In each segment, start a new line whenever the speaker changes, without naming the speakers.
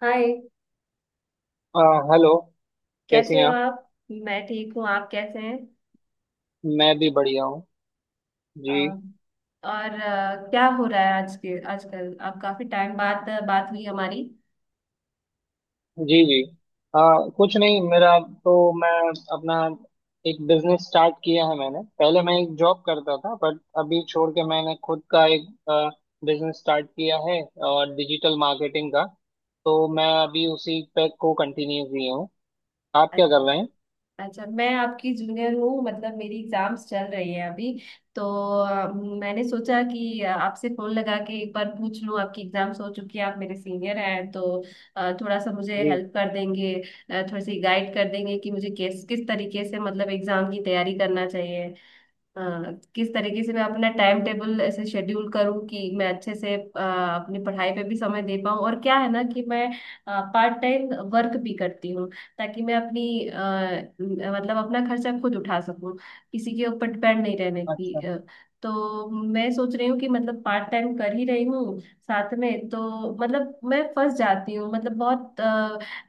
हाय।
आ, हेलो। कैसी
कैसे
हैं
हो
आप?
आप? मैं ठीक हूँ। आप कैसे हैं?
मैं भी बढ़िया हूँ
अ,
जी।
और क्या हो रहा है आज के आजकल? आप काफी टाइम बाद बात हुई हमारी।
जी। आ, कुछ नहीं, मेरा तो मैं अपना एक बिजनेस स्टार्ट किया है। मैंने पहले मैं एक जॉब करता था, बट अभी छोड़ के मैंने खुद का एक बिजनेस स्टार्ट किया है, और डिजिटल मार्केटिंग का। तो मैं अभी उसी पे को कंटिन्यू किया हूँ। आप क्या
अच्छा।
कर रहे हैं?
अच्छा, मैं आपकी जूनियर हूँ, मतलब मेरी एग्जाम्स चल रही है अभी। तो मैंने सोचा कि आपसे फोन लगा के एक बार पूछ लूँ। आपकी एग्जाम्स हो चुकी है, आप मेरे सीनियर हैं, तो थोड़ा सा मुझे
जी।
हेल्प कर देंगे, थोड़ी सी गाइड कर देंगे कि मुझे किस किस तरीके से मतलब एग्जाम की तैयारी करना चाहिए। हाँ, किस तरीके से मैं अपना टाइम टेबल ऐसे शेड्यूल करूँ कि मैं अच्छे से अपनी पढ़ाई पे भी समय दे पाऊँ। और क्या है ना कि मैं पार्ट टाइम वर्क भी करती हूँ ताकि मैं अपनी मतलब अपना खर्चा खुद उठा सकूँ, किसी के ऊपर डिपेंड नहीं रहने की।
अच्छा।
तो मैं सोच रही हूँ कि मतलब पार्ट टाइम कर ही रही हूँ साथ में, तो मतलब मैं फंस जाती हूँ, मतलब बहुत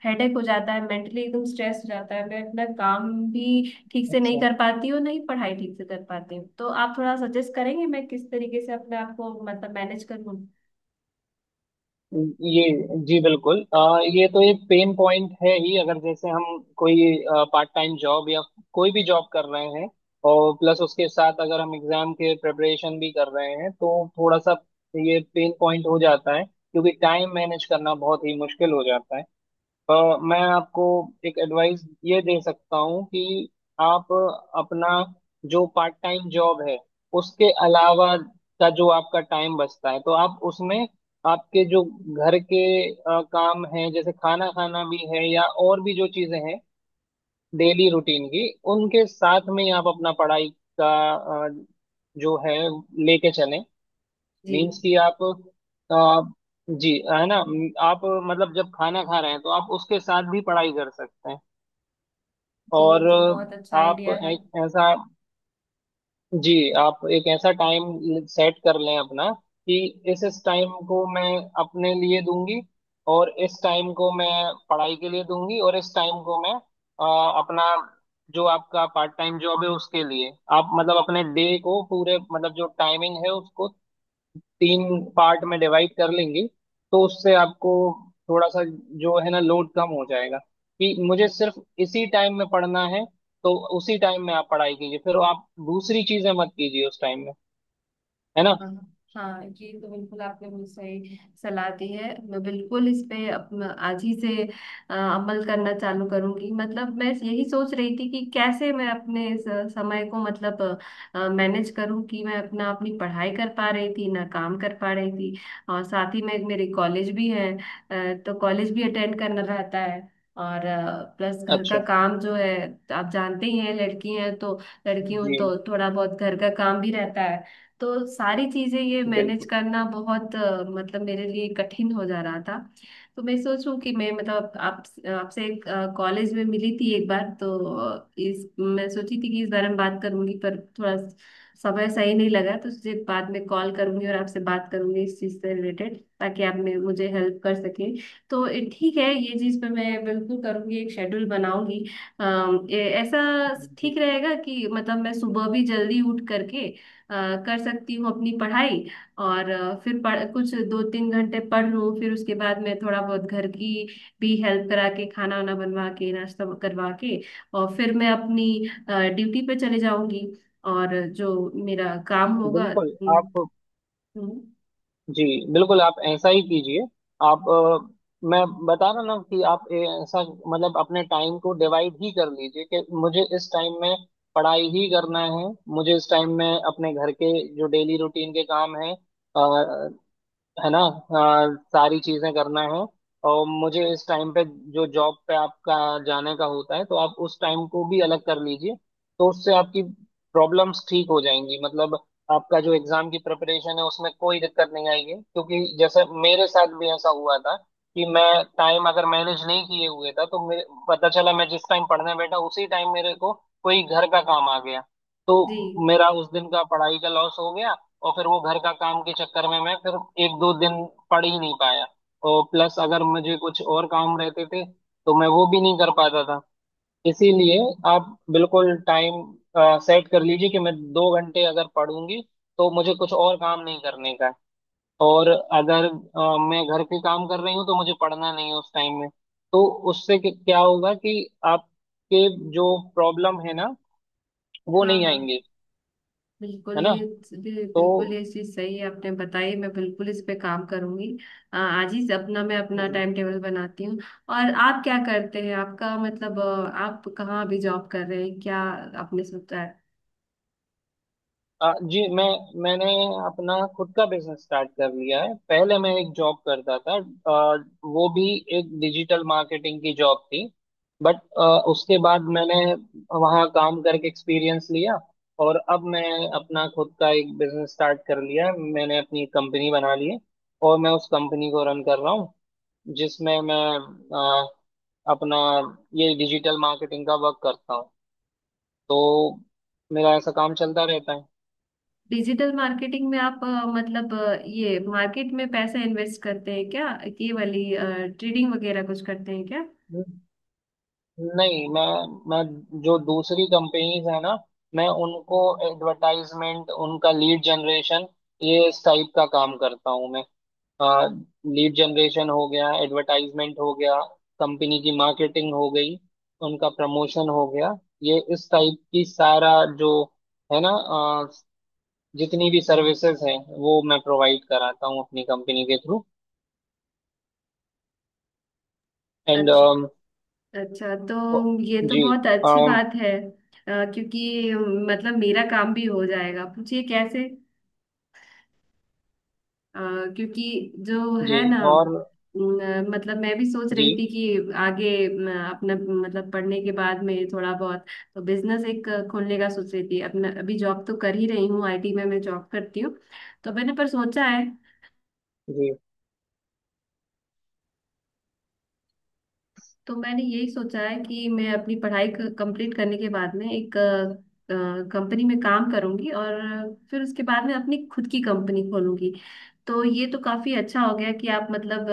हेडेक हो जाता है, मेंटली एकदम स्ट्रेस हो जाता है। मैं अपना काम भी ठीक से नहीं
अच्छा,
कर पाती हूँ, नहीं पढ़ाई ठीक से कर पाती हूँ। तो आप थोड़ा सजेस्ट करेंगे मैं किस तरीके से अपने आप को मतलब मैनेज करूँ।
ये जी बिल्कुल। ये तो एक पेन पॉइंट है ही, अगर जैसे हम कोई पार्ट टाइम जॉब या कोई भी जॉब कर रहे हैं, और प्लस उसके साथ अगर हम एग्जाम के प्रिपरेशन भी कर रहे हैं, तो थोड़ा सा ये पेन पॉइंट हो जाता है, क्योंकि टाइम मैनेज करना बहुत ही मुश्किल हो जाता है। अ, मैं आपको एक एडवाइस ये दे सकता हूँ कि आप अपना जो पार्ट टाइम जॉब है, उसके अलावा का जो आपका टाइम बचता है, तो आप उसमें आपके जो घर के काम हैं, जैसे खाना खाना भी है या और भी जो चीजें हैं डेली रूटीन की, उनके साथ में ही आप अपना पढ़ाई का अ, जो है लेके चलें।
जी।
मीन्स कि आप आ, जी है ना। आप मतलब जब खाना खा रहे हैं, तो आप उसके साथ भी पढ़ाई कर सकते हैं।
जी, ये
और
तो बहुत अच्छा
आप
आइडिया है।
एक जी ऐसा टाइम सेट कर लें अपना कि इस टाइम को मैं अपने लिए दूंगी, और इस टाइम को मैं पढ़ाई के लिए दूंगी, और इस टाइम को मैं अपना जो आपका पार्ट टाइम जॉब है उसके लिए। आप मतलब अपने डे को पूरे, मतलब जो टाइमिंग है उसको तीन पार्ट में डिवाइड कर लेंगे, तो उससे आपको थोड़ा सा जो है ना, लोड कम हो जाएगा कि मुझे सिर्फ इसी टाइम में पढ़ना है। तो उसी टाइम में आप पढ़ाई कीजिए, फिर आप दूसरी चीजें मत कीजिए उस टाइम में। है ना?
हाँ। हाँ, ये तो बिल्कुल आपने मुझे सही सलाह दी है। मैं बिल्कुल इस पे आज ही से अमल करना चालू करूंगी। मतलब मैं यही सोच रही थी कि कैसे मैं अपने इस समय को मतलब मैनेज करूं कि मैं अपना अपनी पढ़ाई कर पा रही थी ना काम कर पा रही थी। और साथ ही में मेरे कॉलेज भी है। तो कॉलेज भी अटेंड करना रहता है। और प्लस घर का
अच्छा
काम जो है, आप जानते ही हैं लड़की हैं तो लड़कियों
जी
तो थोड़ा बहुत घर का काम भी रहता है। तो सारी चीजें ये मैनेज
बिल्कुल।
करना बहुत मतलब मेरे लिए कठिन हो जा रहा था। तो मैं सोचूं कि मैं मतलब आप आपसे कॉलेज में मिली थी एक बार, तो इस मैं सोची थी कि इस बारे में बात करूंगी, पर थोड़ा समय सही नहीं लगा। तो तुझे बाद में कॉल करूंगी और आपसे बात करूंगी इस चीज से रिलेटेड, ताकि आप मुझे हेल्प कर सकें। तो ये ठीक है, ये चीज पे मैं बिल्कुल करूंगी, एक शेड्यूल बनाऊंगी। ये ऐसा
जी
ठीक रहेगा कि मतलब मैं सुबह भी जल्दी उठ करके अ, कर सकती हूँ अपनी पढ़ाई। और फिर पढ़ कुछ दो तीन घंटे पढ़ लूँ, फिर उसके बाद मैं थोड़ा बहुत घर की भी हेल्प करा के, खाना वाना बनवा के, नाश्ता करवा के, और फिर मैं अपनी ड्यूटी पे चले जाऊंगी और जो मेरा काम होगा।
बिल्कुल
हम्म।
आप
हम्म।
जी बिल्कुल, आप ऐसा ही कीजिए। आप मैं बता रहा ना कि आप ऐसा मतलब अपने टाइम को डिवाइड ही कर लीजिए कि मुझे इस टाइम में पढ़ाई ही करना है, मुझे इस टाइम में अपने घर के जो डेली रूटीन के काम है ना, सारी चीजें करना है। और मुझे इस टाइम पे जो जॉब पे आपका जाने का होता है, तो आप उस टाइम को भी अलग कर लीजिए। तो उससे आपकी प्रॉब्लम्स ठीक हो जाएंगी, मतलब आपका जो एग्जाम की प्रिपरेशन है उसमें कोई दिक्कत नहीं आएगी। क्योंकि जैसे मेरे साथ भी ऐसा हुआ था कि मैं टाइम अगर मैनेज नहीं किए हुए था, तो मेरे पता चला मैं जिस टाइम पढ़ने बैठा उसी टाइम मेरे को कोई घर का काम आ गया,
जी।
तो मेरा उस दिन का पढ़ाई का लॉस हो गया। और फिर वो घर का काम के चक्कर में मैं फिर एक दो दिन पढ़ ही नहीं पाया। और प्लस अगर मुझे कुछ और काम रहते थे, तो मैं वो भी नहीं कर पाता था। इसीलिए आप बिल्कुल टाइम सेट कर लीजिए कि मैं दो घंटे अगर पढ़ूंगी, तो मुझे कुछ और काम नहीं करने का है। और अगर मैं घर के काम कर रही हूँ, तो मुझे पढ़ना नहीं है उस टाइम में। तो उससे क्या होगा कि आपके जो प्रॉब्लम है ना, वो
हाँ।
नहीं
हाँ,
आएंगे। है
बिल्कुल ये
ना? तो
बिल्कुल ये चीज सही है आपने बताई। मैं बिल्कुल इस पे काम करूंगी। आज ही अपना मैं अपना
जी।
टाइम टेबल बनाती हूँ। और आप क्या करते हैं? आपका मतलब आप कहाँ अभी जॉब कर रहे हैं क्या? आपने सोचा है?
जी, मैंने अपना खुद का बिजनेस स्टार्ट कर लिया है। पहले मैं एक जॉब करता था, आ, वो भी एक डिजिटल मार्केटिंग की जॉब थी, बट उसके बाद मैंने वहाँ काम करके एक्सपीरियंस लिया, और अब मैं अपना खुद का एक बिजनेस स्टार्ट कर लिया है। मैंने अपनी कंपनी बना ली है, और मैं उस कंपनी को रन कर रहा हूँ, जिसमें मैं आ, अपना ये डिजिटल मार्केटिंग का वर्क करता हूँ। तो मेरा ऐसा काम चलता रहता
डिजिटल मार्केटिंग में आप मतलब ये मार्केट में पैसा इन्वेस्ट करते हैं क्या? ये वाली ट्रेडिंग वगैरह कुछ करते हैं क्या?
है। नहीं, मैं जो दूसरी कंपनीज है ना, मैं उनको एडवर्टाइजमेंट, उनका लीड जनरेशन, ये इस टाइप का काम करता हूँ मैं। लीड जनरेशन हो गया, एडवर्टाइजमेंट हो गया, कंपनी की मार्केटिंग हो गई, उनका प्रमोशन हो गया, ये इस टाइप की सारा जो है ना, जितनी भी सर्विसेज हैं वो मैं प्रोवाइड कराता हूँ अपनी कंपनी के थ्रू। एंड
अच्छा। अच्छा, तो ये तो
जी।
बहुत अच्छी
अम,
बात है। क्योंकि मतलब मेरा काम भी हो जाएगा, पूछिए कैसे। अ, क्योंकि जो
जी।
है ना,
और
न, मतलब मैं भी सोच
जी।
रही थी कि आगे अपना मतलब पढ़ने के बाद में थोड़ा बहुत तो बिजनेस एक खोलने का सोच रही थी अपना। अभी जॉब तो कर ही रही हूँ, आईटी में मैं जॉब करती हूँ। तो मैंने पर सोचा है,
जी।
तो मैंने यही सोचा है कि मैं अपनी पढ़ाई कंप्लीट करने के बाद में एक कंपनी में काम करूंगी और फिर उसके बाद में अपनी खुद की कंपनी खोलूंगी। तो ये तो काफी अच्छा हो गया कि आप मतलब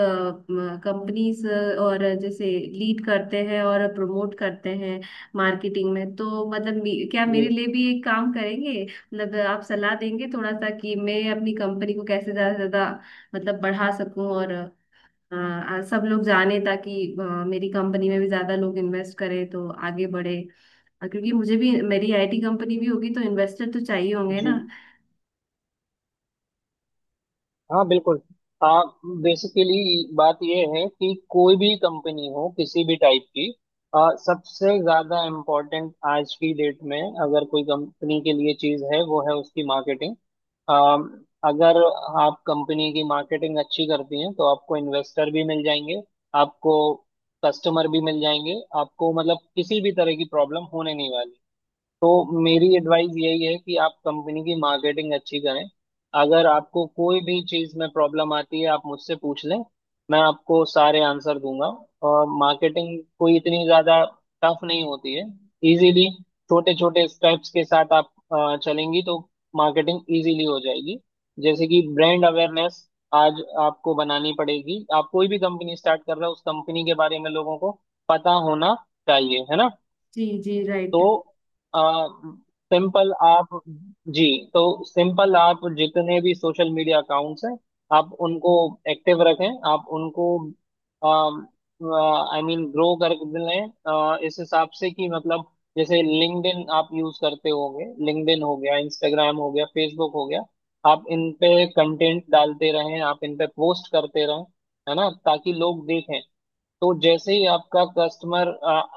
कंपनीज और जैसे लीड करते हैं और प्रमोट करते हैं मार्केटिंग में। तो मतलब क्या
जी
मेरे लिए भी एक काम करेंगे? मतलब आप सलाह देंगे थोड़ा सा कि मैं अपनी कंपनी को कैसे ज्यादा से ज्यादा मतलब बढ़ा सकूं और हाँ, सब लोग जाने ताकि मेरी कंपनी में भी ज्यादा लोग इन्वेस्ट करें तो आगे बढ़े। क्योंकि मुझे भी मेरी आईटी कंपनी भी होगी तो इन्वेस्टर तो चाहिए होंगे
जी।
ना।
हाँ, बिल्कुल। आप बेसिकली बात यह है कि कोई भी कंपनी हो किसी भी टाइप की, सबसे ज्यादा इम्पोर्टेंट आज की डेट में अगर कोई कंपनी के लिए चीज है, वो है उसकी मार्केटिंग। अगर आप कंपनी की मार्केटिंग अच्छी करती हैं, तो आपको इन्वेस्टर भी मिल जाएंगे, आपको कस्टमर भी मिल जाएंगे, आपको मतलब किसी भी तरह की प्रॉब्लम होने नहीं वाली। तो मेरी एडवाइस यही है कि आप कंपनी की मार्केटिंग अच्छी करें। अगर आपको कोई भी चीज़ में प्रॉब्लम आती है, आप मुझसे पूछ लें, मैं आपको सारे आंसर दूंगा। और मार्केटिंग कोई इतनी ज़्यादा टफ नहीं होती है, इजीली छोटे छोटे स्टेप्स के साथ आप चलेंगी तो मार्केटिंग इजीली हो जाएगी। जैसे कि ब्रांड अवेयरनेस आज आपको बनानी पड़ेगी। आप कोई भी कंपनी स्टार्ट कर रहे हो, उस कंपनी के बारे में लोगों को पता होना चाहिए। है ना?
जी जी, राइट।
तो सिंपल आप जी तो सिंपल आप जितने भी सोशल मीडिया अकाउंट्स हैं, आप उनको एक्टिव रखें, आप उनको आई मीन ग्रो कर लें इस हिसाब से कि मतलब जैसे लिंक्डइन आप यूज करते होंगे, लिंक्डइन हो गया, इंस्टाग्राम हो गया, फेसबुक हो गया, आप इन पे कंटेंट डालते रहें, आप इन पे पोस्ट करते रहें, है ना, ताकि लोग देखें। तो जैसे ही आपका कस्टमर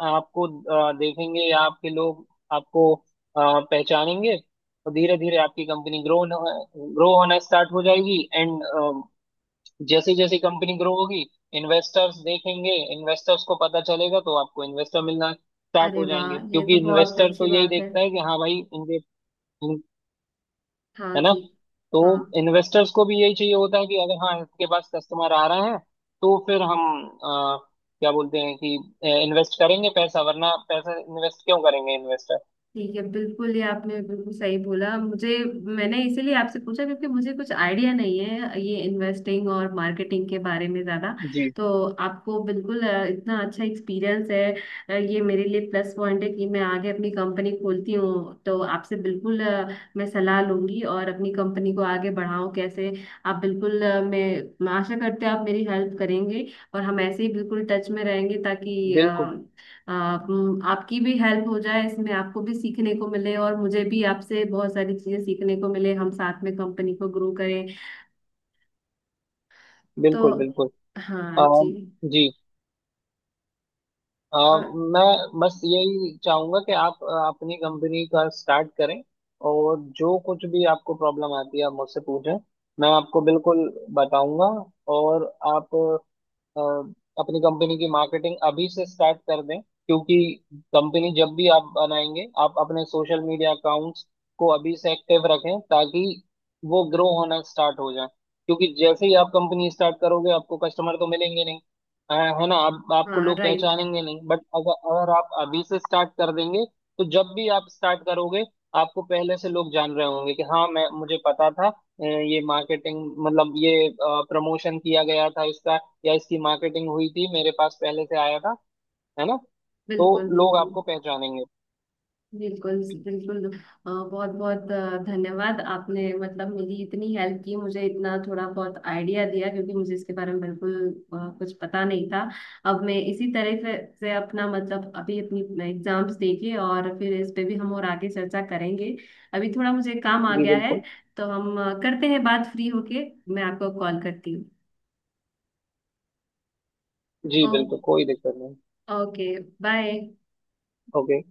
आपको देखेंगे, या आपके लोग आपको पहचानेंगे, तो धीरे धीरे आपकी कंपनी ग्रो ग्रो होना स्टार्ट हो जाएगी। एंड जैसे जैसे कंपनी ग्रो होगी, इन्वेस्टर्स देखेंगे, इन्वेस्टर्स को पता चलेगा, तो आपको इन्वेस्टर मिलना स्टार्ट
अरे
हो जाएंगे।
वाह, ये
क्योंकि
तो बहुत
इन्वेस्टर
अच्छी
तो यही
बात है।
देखता है कि हाँ भाई इनके,
हाँ
है ना,
जी।
तो
हाँ।
इन्वेस्टर्स को भी यही चाहिए होता है कि अगर हाँ इसके पास कस्टमर आ रहा है, तो फिर हम अ, क्या बोलते हैं कि इन्वेस्ट करेंगे पैसा, वरना पैसा इन्वेस्ट क्यों करेंगे इन्वेस्टर।
ठीक है, बिल्कुल ये आपने बिल्कुल सही बोला मुझे। मैंने इसीलिए आपसे पूछा क्योंकि मुझे कुछ आइडिया नहीं है ये इन्वेस्टिंग और मार्केटिंग के बारे में ज़्यादा।
जी
तो आपको बिल्कुल इतना अच्छा एक्सपीरियंस है। ये मेरे लिए प्लस पॉइंट है कि मैं आगे अपनी कंपनी खोलती हूँ तो आपसे बिल्कुल मैं सलाह लूंगी और अपनी कंपनी को आगे बढ़ाऊँ कैसे। आप बिल्कुल मैं आशा करते हैं आप मेरी हेल्प करेंगे और हम ऐसे ही बिल्कुल टच में रहेंगे ताकि
बिल्कुल।
आप आपकी भी हेल्प हो जाए इसमें, आपको भी सीखने को मिले और मुझे भी आपसे बहुत सारी चीजें सीखने को मिले, हम साथ में कंपनी को ग्रो करें। तो
बिल्कुल। बिल्कुल।
हाँ जी।
अम, जी। अम,
और
मैं बस यही चाहूंगा कि आप अपनी कंपनी का स्टार्ट करें, और जो कुछ भी आपको प्रॉब्लम आती है आप मुझसे पूछें, मैं आपको बिल्कुल बताऊंगा। और आप अ, अपनी कंपनी की मार्केटिंग अभी से स्टार्ट कर दें, क्योंकि कंपनी जब भी आप बनाएंगे, आप अपने सोशल मीडिया अकाउंट्स को अभी से एक्टिव रखें, ताकि वो ग्रो होना स्टार्ट हो जाए। क्योंकि जैसे ही आप कंपनी स्टार्ट करोगे आपको कस्टमर तो मिलेंगे नहीं, अ, है ना, आप आपको
हाँ,
लोग
राइट।
पहचानेंगे नहीं, बट अगर अगर आप अभी से स्टार्ट कर देंगे, तो जब भी आप स्टार्ट करोगे आपको पहले से लोग जान रहे होंगे कि हाँ मैं मुझे पता था। ये मार्केटिंग मतलब ये प्रमोशन किया गया था इसका, या इसकी मार्केटिंग हुई थी, मेरे पास पहले से आया था। है ना? तो
बिल्कुल
लोग
बिल्कुल।
आपको पहचानेंगे।
बिल्कुल बिल्कुल। बहुत बहुत धन्यवाद, आपने मतलब मेरी इतनी हेल्प की, मुझे इतना थोड़ा बहुत आइडिया दिया क्योंकि मुझे इसके बारे में बिल्कुल कुछ पता नहीं था। अब मैं इसी तरह से अपना मतलब अभी अपनी एग्जाम्स देके और फिर इस पे भी हम और आगे चर्चा करेंगे। अभी थोड़ा मुझे काम आ
जी
गया
बिल्कुल।
है। तो हम करते हैं बात फ्री होके, मैं आपको कॉल करती हूँ।
जी
ओ-
बिल्कुल, कोई दिक्कत नहीं।
ओके। बाय।
ओके।